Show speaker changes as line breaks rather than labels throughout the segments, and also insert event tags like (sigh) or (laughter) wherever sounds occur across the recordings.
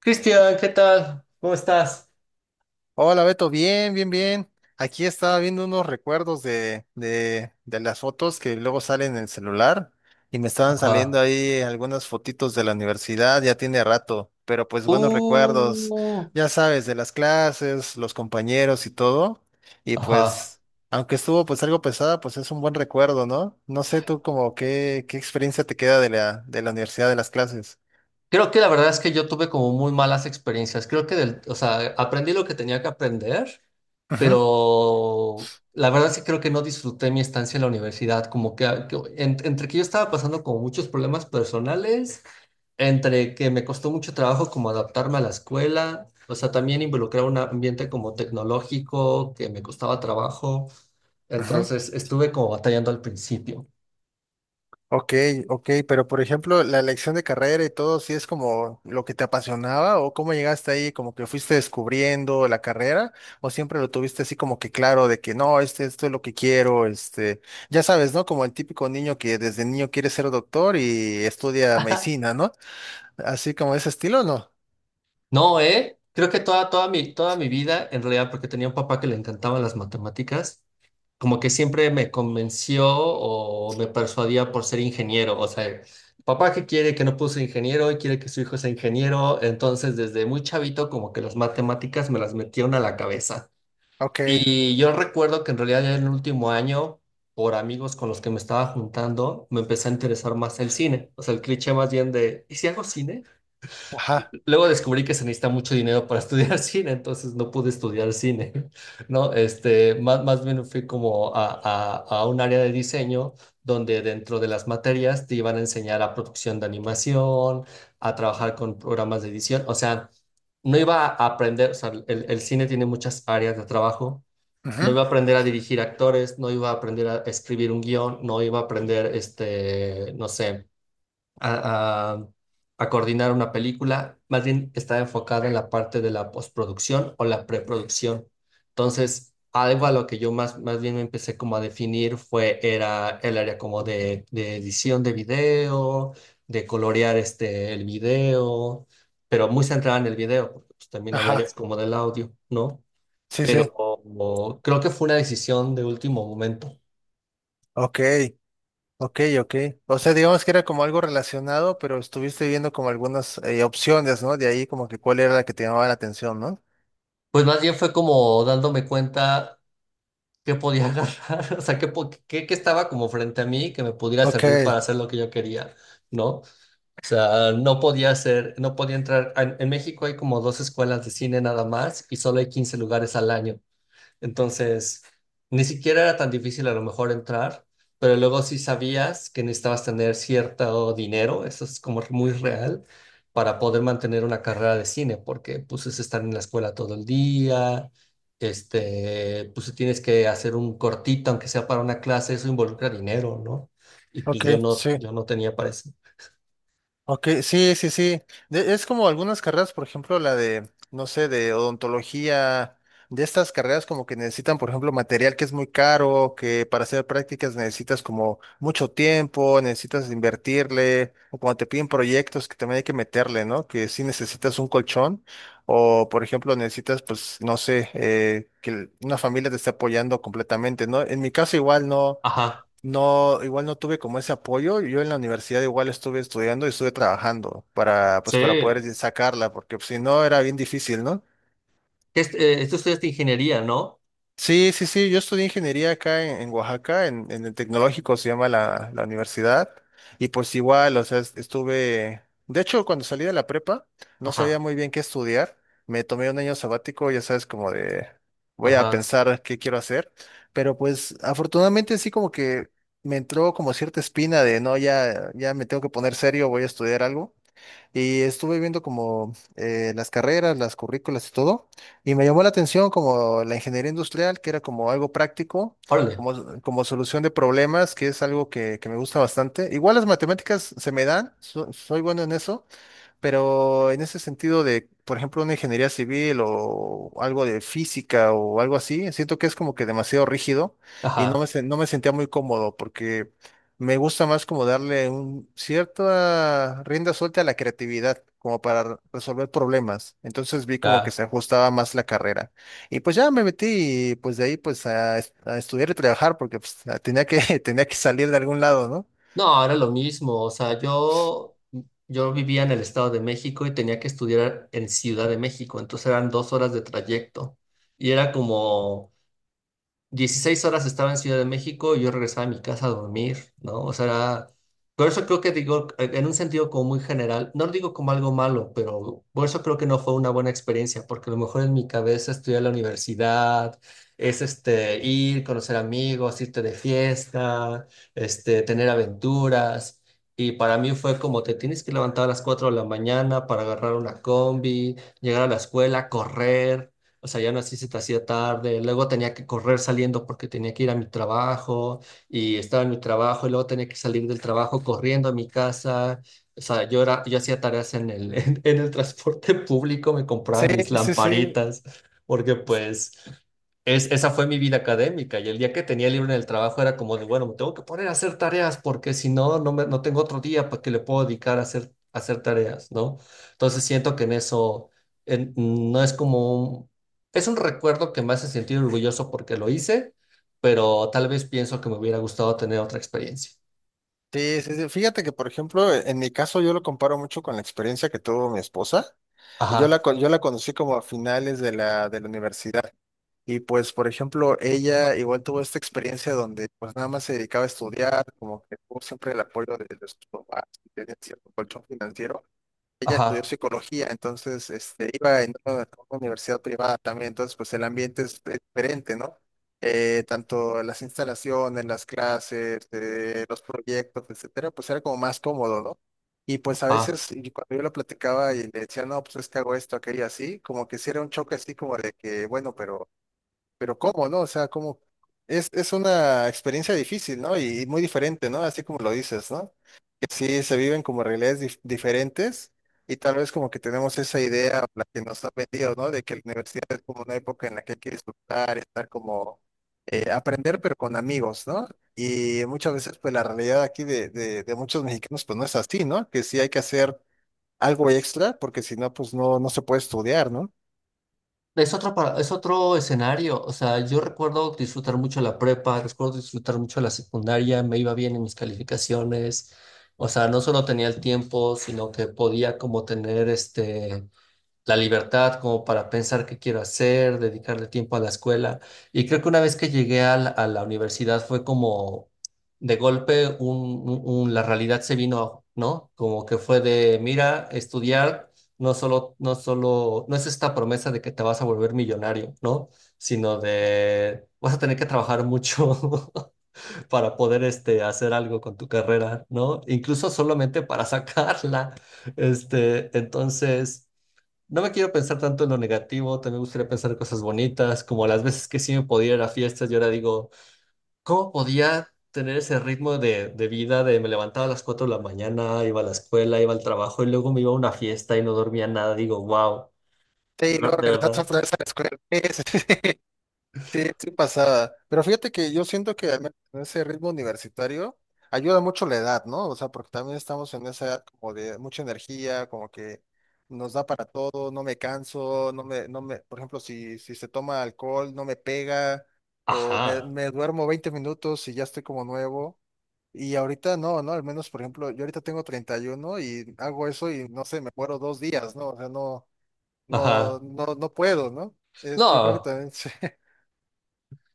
Cristian, ¿qué tal? ¿Cómo estás?
Hola Beto, bien, bien, bien. Aquí estaba viendo unos recuerdos de las fotos que luego salen en el celular y me estaban saliendo
Ajá.
ahí algunas fotitos de la universidad, ya tiene rato, pero pues buenos
Uh,
recuerdos, ya sabes, de las clases, los compañeros y todo. Y
ajá.
pues, aunque estuvo pues algo pesada, pues es un buen recuerdo, ¿no? No sé tú como qué experiencia te queda de la universidad, de las clases.
Creo que la verdad es que yo tuve como muy malas experiencias. Creo que del, o sea, aprendí lo que tenía que aprender,
Ujú,
pero la verdad es que creo que no disfruté mi estancia en la universidad. Como que, ah, que entre que yo estaba pasando como muchos problemas personales, entre que me costó mucho trabajo como adaptarme a la escuela, o sea, también involucrar un ambiente como tecnológico que me costaba trabajo.
ujú.
Entonces estuve como batallando al principio.
Ok, ok, pero por ejemplo, la elección de carrera y todo, ¿sí es como lo que te apasionaba o cómo llegaste ahí, como que fuiste descubriendo la carrera o siempre lo tuviste así como que claro de que no, esto es lo que quiero, ya sabes, ¿no? Como el típico niño que desde niño quiere ser doctor y estudia medicina, ¿no? Así como ese estilo, ¿no?
No, ¿eh? Creo que toda, toda mi vida, en realidad, porque tenía un papá que le encantaban las matemáticas, como que siempre me convenció o me persuadía por ser ingeniero. O sea, papá que quiere que no puso ingeniero y quiere que su hijo sea ingeniero. Entonces, desde muy chavito, como que las matemáticas me las metieron a la cabeza.
Ok,
Y yo recuerdo que en realidad ya en el último año, por amigos con los que me estaba juntando, me empecé a interesar más el cine. O sea, el cliché más bien de, ¿y si hago cine?
ajá,
Luego descubrí que se necesita mucho dinero para (laughs) estudiar cine, entonces no pude estudiar cine, (laughs) ¿no? Este, más bien fui como a un área de diseño donde dentro de las materias te iban a enseñar a producción de animación, a trabajar con programas de edición. O sea, no iba a aprender, o sea, el cine tiene muchas áreas de trabajo, no
ujú,
iba a aprender a dirigir actores, no iba a aprender a escribir un guión, no iba a aprender, este, no sé, a, a- a coordinar una película. Más bien estaba enfocada en la parte de la postproducción o la preproducción. Entonces, algo a lo que yo más bien me empecé como a definir fue, era el área como de edición de video, de colorear este, el video, pero muy centrada en el video, porque pues, también hay
ajá,
áreas como del audio, ¿no?
sí, sí,
Pero creo que fue una decisión de último momento.
ok. Ok, ok. O sea, digamos que era como algo relacionado, pero estuviste viendo como algunas opciones, ¿no? De ahí como que cuál era la que te llamaba la atención, ¿no?
Pues más bien fue como dándome cuenta que podía (laughs) agarrar, o sea, que, que estaba como frente a mí que me pudiera
Ok,
servir para hacer lo que yo quería, ¿no? O sea, no podía hacer, no podía entrar. En México hay como dos escuelas de cine nada más y solo hay 15 lugares al año. Entonces, ni siquiera era tan difícil a lo mejor entrar, pero luego sí sabías que necesitabas tener cierto dinero, eso es como muy real, para poder mantener una carrera de cine, porque pues es estar en la escuela todo el día, este, pues si tienes que hacer un cortito, aunque sea para una clase, eso involucra dinero, ¿no? Y pues
ok,
yo no,
sí.
yo no tenía para eso.
Ok, sí, sí, sí. Es como algunas carreras, por ejemplo, la de, no sé, de odontología, de estas carreras como que necesitan, por ejemplo, material que es muy caro, que para hacer prácticas necesitas como mucho tiempo, necesitas invertirle, o cuando te piden proyectos que también hay que meterle, ¿no? Que sí necesitas un colchón, o por ejemplo, necesitas, pues, no sé, que una familia te esté apoyando completamente, ¿no? En mi caso igual no.
Ajá,
No, igual no tuve como ese apoyo. Yo en la universidad igual estuve estudiando y estuve trabajando para,
sí.
pues, para poder sacarla, porque pues, si no era bien difícil, ¿no?
Este, esto es de ingeniería, ¿no?
Sí, sí, sí, yo estudié ingeniería acá en Oaxaca, en el tecnológico se llama la universidad, y pues igual, o sea, estuve, de hecho, cuando salí de la prepa, no sabía
Ajá,
muy bien qué estudiar, me tomé un año sabático, ya sabes, como de, voy a
ajá,
pensar qué quiero hacer, pero pues afortunadamente sí como que me entró como cierta espina de, no, ya me tengo que poner serio, voy a estudiar algo, y estuve viendo como las carreras, las currículas y todo, y me llamó la atención como la ingeniería industrial, que era como algo práctico,
órale,
como, como solución de problemas, que es algo que me gusta bastante. Igual las matemáticas se me dan, soy bueno en eso pero en ese sentido de, por ejemplo, una ingeniería civil o algo de física o algo así, siento que es como que demasiado rígido y no me,
ajá.
no me sentía muy cómodo porque me gusta más como darle un cierta rienda suelta a la creatividad, como para resolver problemas. Entonces vi como que
Ya.
se ajustaba más la carrera. Y pues ya me metí y pues de ahí pues a, a estudiar y trabajar porque pues, tenía que, (laughs) tenía que salir de algún lado, ¿no?
No, era lo mismo, o sea, yo vivía en el Estado de México y tenía que estudiar en Ciudad de México, entonces eran dos horas de trayecto y era como, 16 horas estaba en Ciudad de México y yo regresaba a mi casa a dormir, ¿no? O sea, por eso creo que digo, en un sentido como muy general, no lo digo como algo malo, pero por eso creo que no fue una buena experiencia, porque a lo mejor en mi cabeza estudiar la universidad es este, ir, conocer amigos, irte de fiesta, este, tener aventuras. Y para mí fue como te tienes que levantar a las 4 de la mañana para agarrar una combi, llegar a la escuela, correr. O sea, ya aún así se te hacía tarde, luego tenía que correr saliendo porque tenía que ir a mi trabajo y estaba en mi trabajo y luego tenía que salir del trabajo corriendo a mi casa. O sea, yo era, yo hacía tareas en el, (laughs) en el transporte público, me compraba
Sí,
mis
sí, sí.
lamparitas porque pues esa fue mi vida académica y el día que tenía libre en el trabajo era como de, bueno, me tengo que poner a hacer tareas porque si no, no, no tengo otro día para que le puedo dedicar a hacer tareas, ¿no? Entonces siento que en eso no es como es un recuerdo que me hace sentir orgulloso porque lo hice, pero tal vez pienso que me hubiera gustado tener otra experiencia.
Sí, sí, sí. Fíjate que, por ejemplo, en mi caso yo lo comparo mucho con la experiencia que tuvo mi esposa. Yo la,
Ajá,
yo la conocí como a finales de la universidad. Y pues, por ejemplo, ella igual tuvo esta experiencia donde pues nada más se dedicaba a estudiar, como que tuvo siempre el apoyo de sus papás, tenía cierto colchón financiero ella estudió
ajá,
psicología, entonces iba en una universidad privada también, entonces pues el ambiente es diferente, ¿no? Tanto las instalaciones, las clases, los proyectos, etcétera, pues era como más cómodo, ¿no? Y pues a
ajá.
veces y cuando yo lo platicaba y le decía, no, pues es que hago esto, aquello así, como que sí era un choque así como de que, bueno, pero ¿cómo, no? O sea, ¿cómo? Es una experiencia difícil, ¿no? Y muy diferente, ¿no? Así como lo dices, ¿no? Que sí se viven como realidades diferentes y tal vez como que tenemos esa idea, o la que nos ha vendido, ¿no? De que la universidad es como una época en la que hay que disfrutar, estar como, aprender, pero con amigos, ¿no? Y muchas veces, pues la realidad aquí de muchos mexicanos, pues no es así, ¿no? Que sí hay que hacer algo extra porque si no, pues no, no se puede estudiar, ¿no?
Es otro, es otro escenario. O sea, yo recuerdo disfrutar mucho la prepa, recuerdo disfrutar mucho la secundaria, me iba bien en mis calificaciones. O sea, no solo tenía el tiempo, sino que podía como tener este la libertad como para pensar qué quiero hacer, dedicarle tiempo a la escuela. Y creo que una vez que llegué a la universidad fue como de golpe la realidad se vino, ¿no? Como que fue de, mira, estudiar no solo, no es esta promesa de que te vas a volver millonario, ¿no? Sino de, vas a tener que trabajar mucho (laughs) para poder este, hacer algo con tu carrera, ¿no? Incluso solamente para sacarla. Este, entonces... No me quiero pensar tanto en lo negativo, también me gustaría pensar en cosas bonitas, como las veces que sí me podía ir a fiestas y ahora digo, ¿cómo podía tener ese ritmo de vida de me levantaba a las 4 de la mañana, iba a la escuela, iba al trabajo y luego me iba a una fiesta y no dormía nada? Digo, wow,
Sí, y luego
de
regresas
verdad.
otra vez a la escuela. (laughs) Sí, sí pasaba. Pero fíjate que yo siento que al menos en ese ritmo universitario ayuda mucho la edad, ¿no? O sea, porque también estamos en esa edad como de mucha energía, como que nos da para todo, no me canso, no me, no me, por ejemplo, si, si se toma alcohol, no me pega, o me,
Ajá,
me duermo 20 minutos y ya estoy como nuevo. Y ahorita no, ¿no? Al menos, por ejemplo, yo ahorita tengo 31 y uno y hago eso y no sé, me muero 2 días, ¿no? O sea, no, no,
ajá.
no, no puedo, ¿no? Es, yo creo que
No.
también (laughs) sí.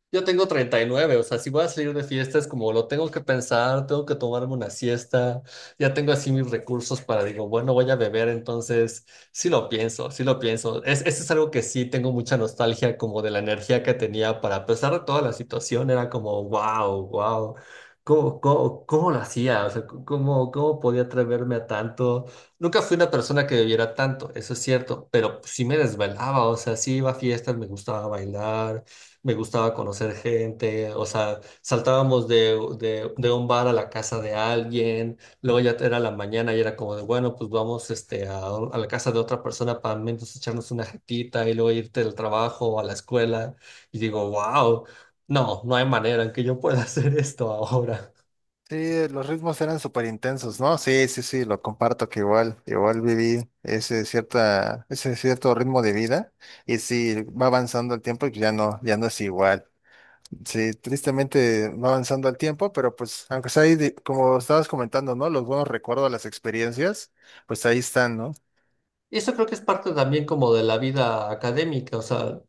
Yo tengo 39, o sea, si voy a salir de fiesta es como lo tengo que pensar, tengo que tomarme una siesta, ya tengo así mis recursos para, digo, bueno, voy a beber, entonces sí lo pienso, sí lo pienso. Es, eso es algo que sí tengo mucha nostalgia como de la energía que tenía para, a pesar de toda la situación, era como, wow, wow, ¿cómo, cómo, cómo lo hacía? O sea, ¿cómo, cómo podía atreverme a tanto? Nunca fui una persona que bebiera tanto, eso es cierto, pero pues sí me desvelaba, o sea, sí iba a fiestas, me gustaba bailar, me gustaba conocer gente, o sea, saltábamos de un bar a la casa de alguien, luego ya era la mañana y era como de, bueno, pues vamos este, a la casa de otra persona para al menos echarnos una jetita y luego irte al trabajo o a la escuela. Y digo, wow, no, no hay manera en que yo pueda (laughs) hacer esto ahora.
Sí, los ritmos eran súper intensos, ¿no? Sí, sí, sí, lo comparto que igual, igual viví ese cierto ritmo de vida y sí, va avanzando el tiempo y ya no es igual. Sí, tristemente va avanzando el tiempo, pero pues aunque sea ahí, como estabas comentando, ¿no? Los buenos recuerdos, las experiencias, pues ahí están, ¿no?
Y eso creo que es parte también como de la vida académica, o sea, O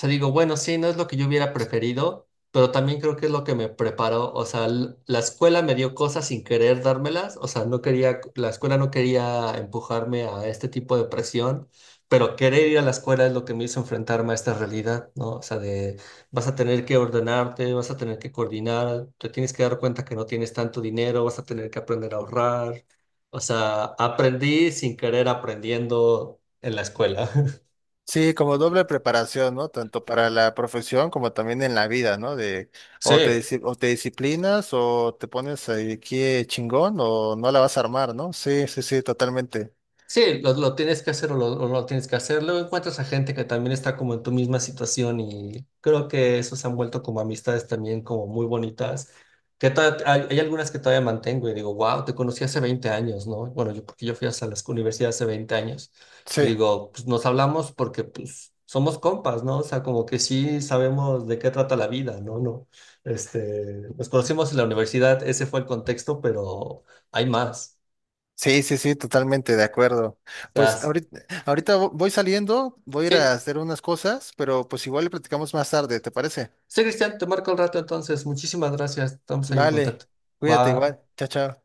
sea, digo, bueno, sí, no es lo que yo hubiera preferido, pero también creo que es lo que me preparó. O sea, la escuela me dio cosas sin querer dármelas. O sea, no quería, la escuela no quería empujarme a este tipo de presión, pero querer ir a la escuela es lo que me hizo enfrentarme a esta realidad, ¿no? O sea, de vas a tener que ordenarte, vas a tener que coordinar, te tienes que dar cuenta que no tienes tanto dinero, vas a tener que aprender a ahorrar. O sea, aprendí sin querer aprendiendo en la escuela. (laughs)
Sí, como doble preparación, ¿no? Tanto para la profesión como también en la vida, ¿no? De
Sí.
o te, o te disciplinas o te pones ahí aquí chingón o no la vas a armar, ¿no? Sí, sí, sí, totalmente.
Sí, lo tienes que hacer o no tienes que hacer. Luego encuentras a gente que también está como en tu misma situación y creo que eso se han vuelto como amistades también como muy bonitas. Que hay, hay algunas que todavía mantengo y digo, wow, te conocí hace 20 años, ¿no? Bueno, yo porque yo fui hasta la universidad hace 20 años y
Sí,
digo, pues nos hablamos porque pues somos compas, ¿no? O sea, como que sí sabemos de qué trata la vida, ¿no? No, este, nos conocimos en la universidad, ese fue el contexto, pero hay más.
sí, sí, sí, totalmente de acuerdo.
O sea,
Pues ahorita voy saliendo, voy a ir a
sí,
hacer unas cosas, pero pues igual le platicamos más tarde, ¿te parece?
sí, Cristian, te marco el rato entonces. Muchísimas gracias. Estamos ahí en
Vale,
contacto.
cuídate
Va.
igual. Chao, chao.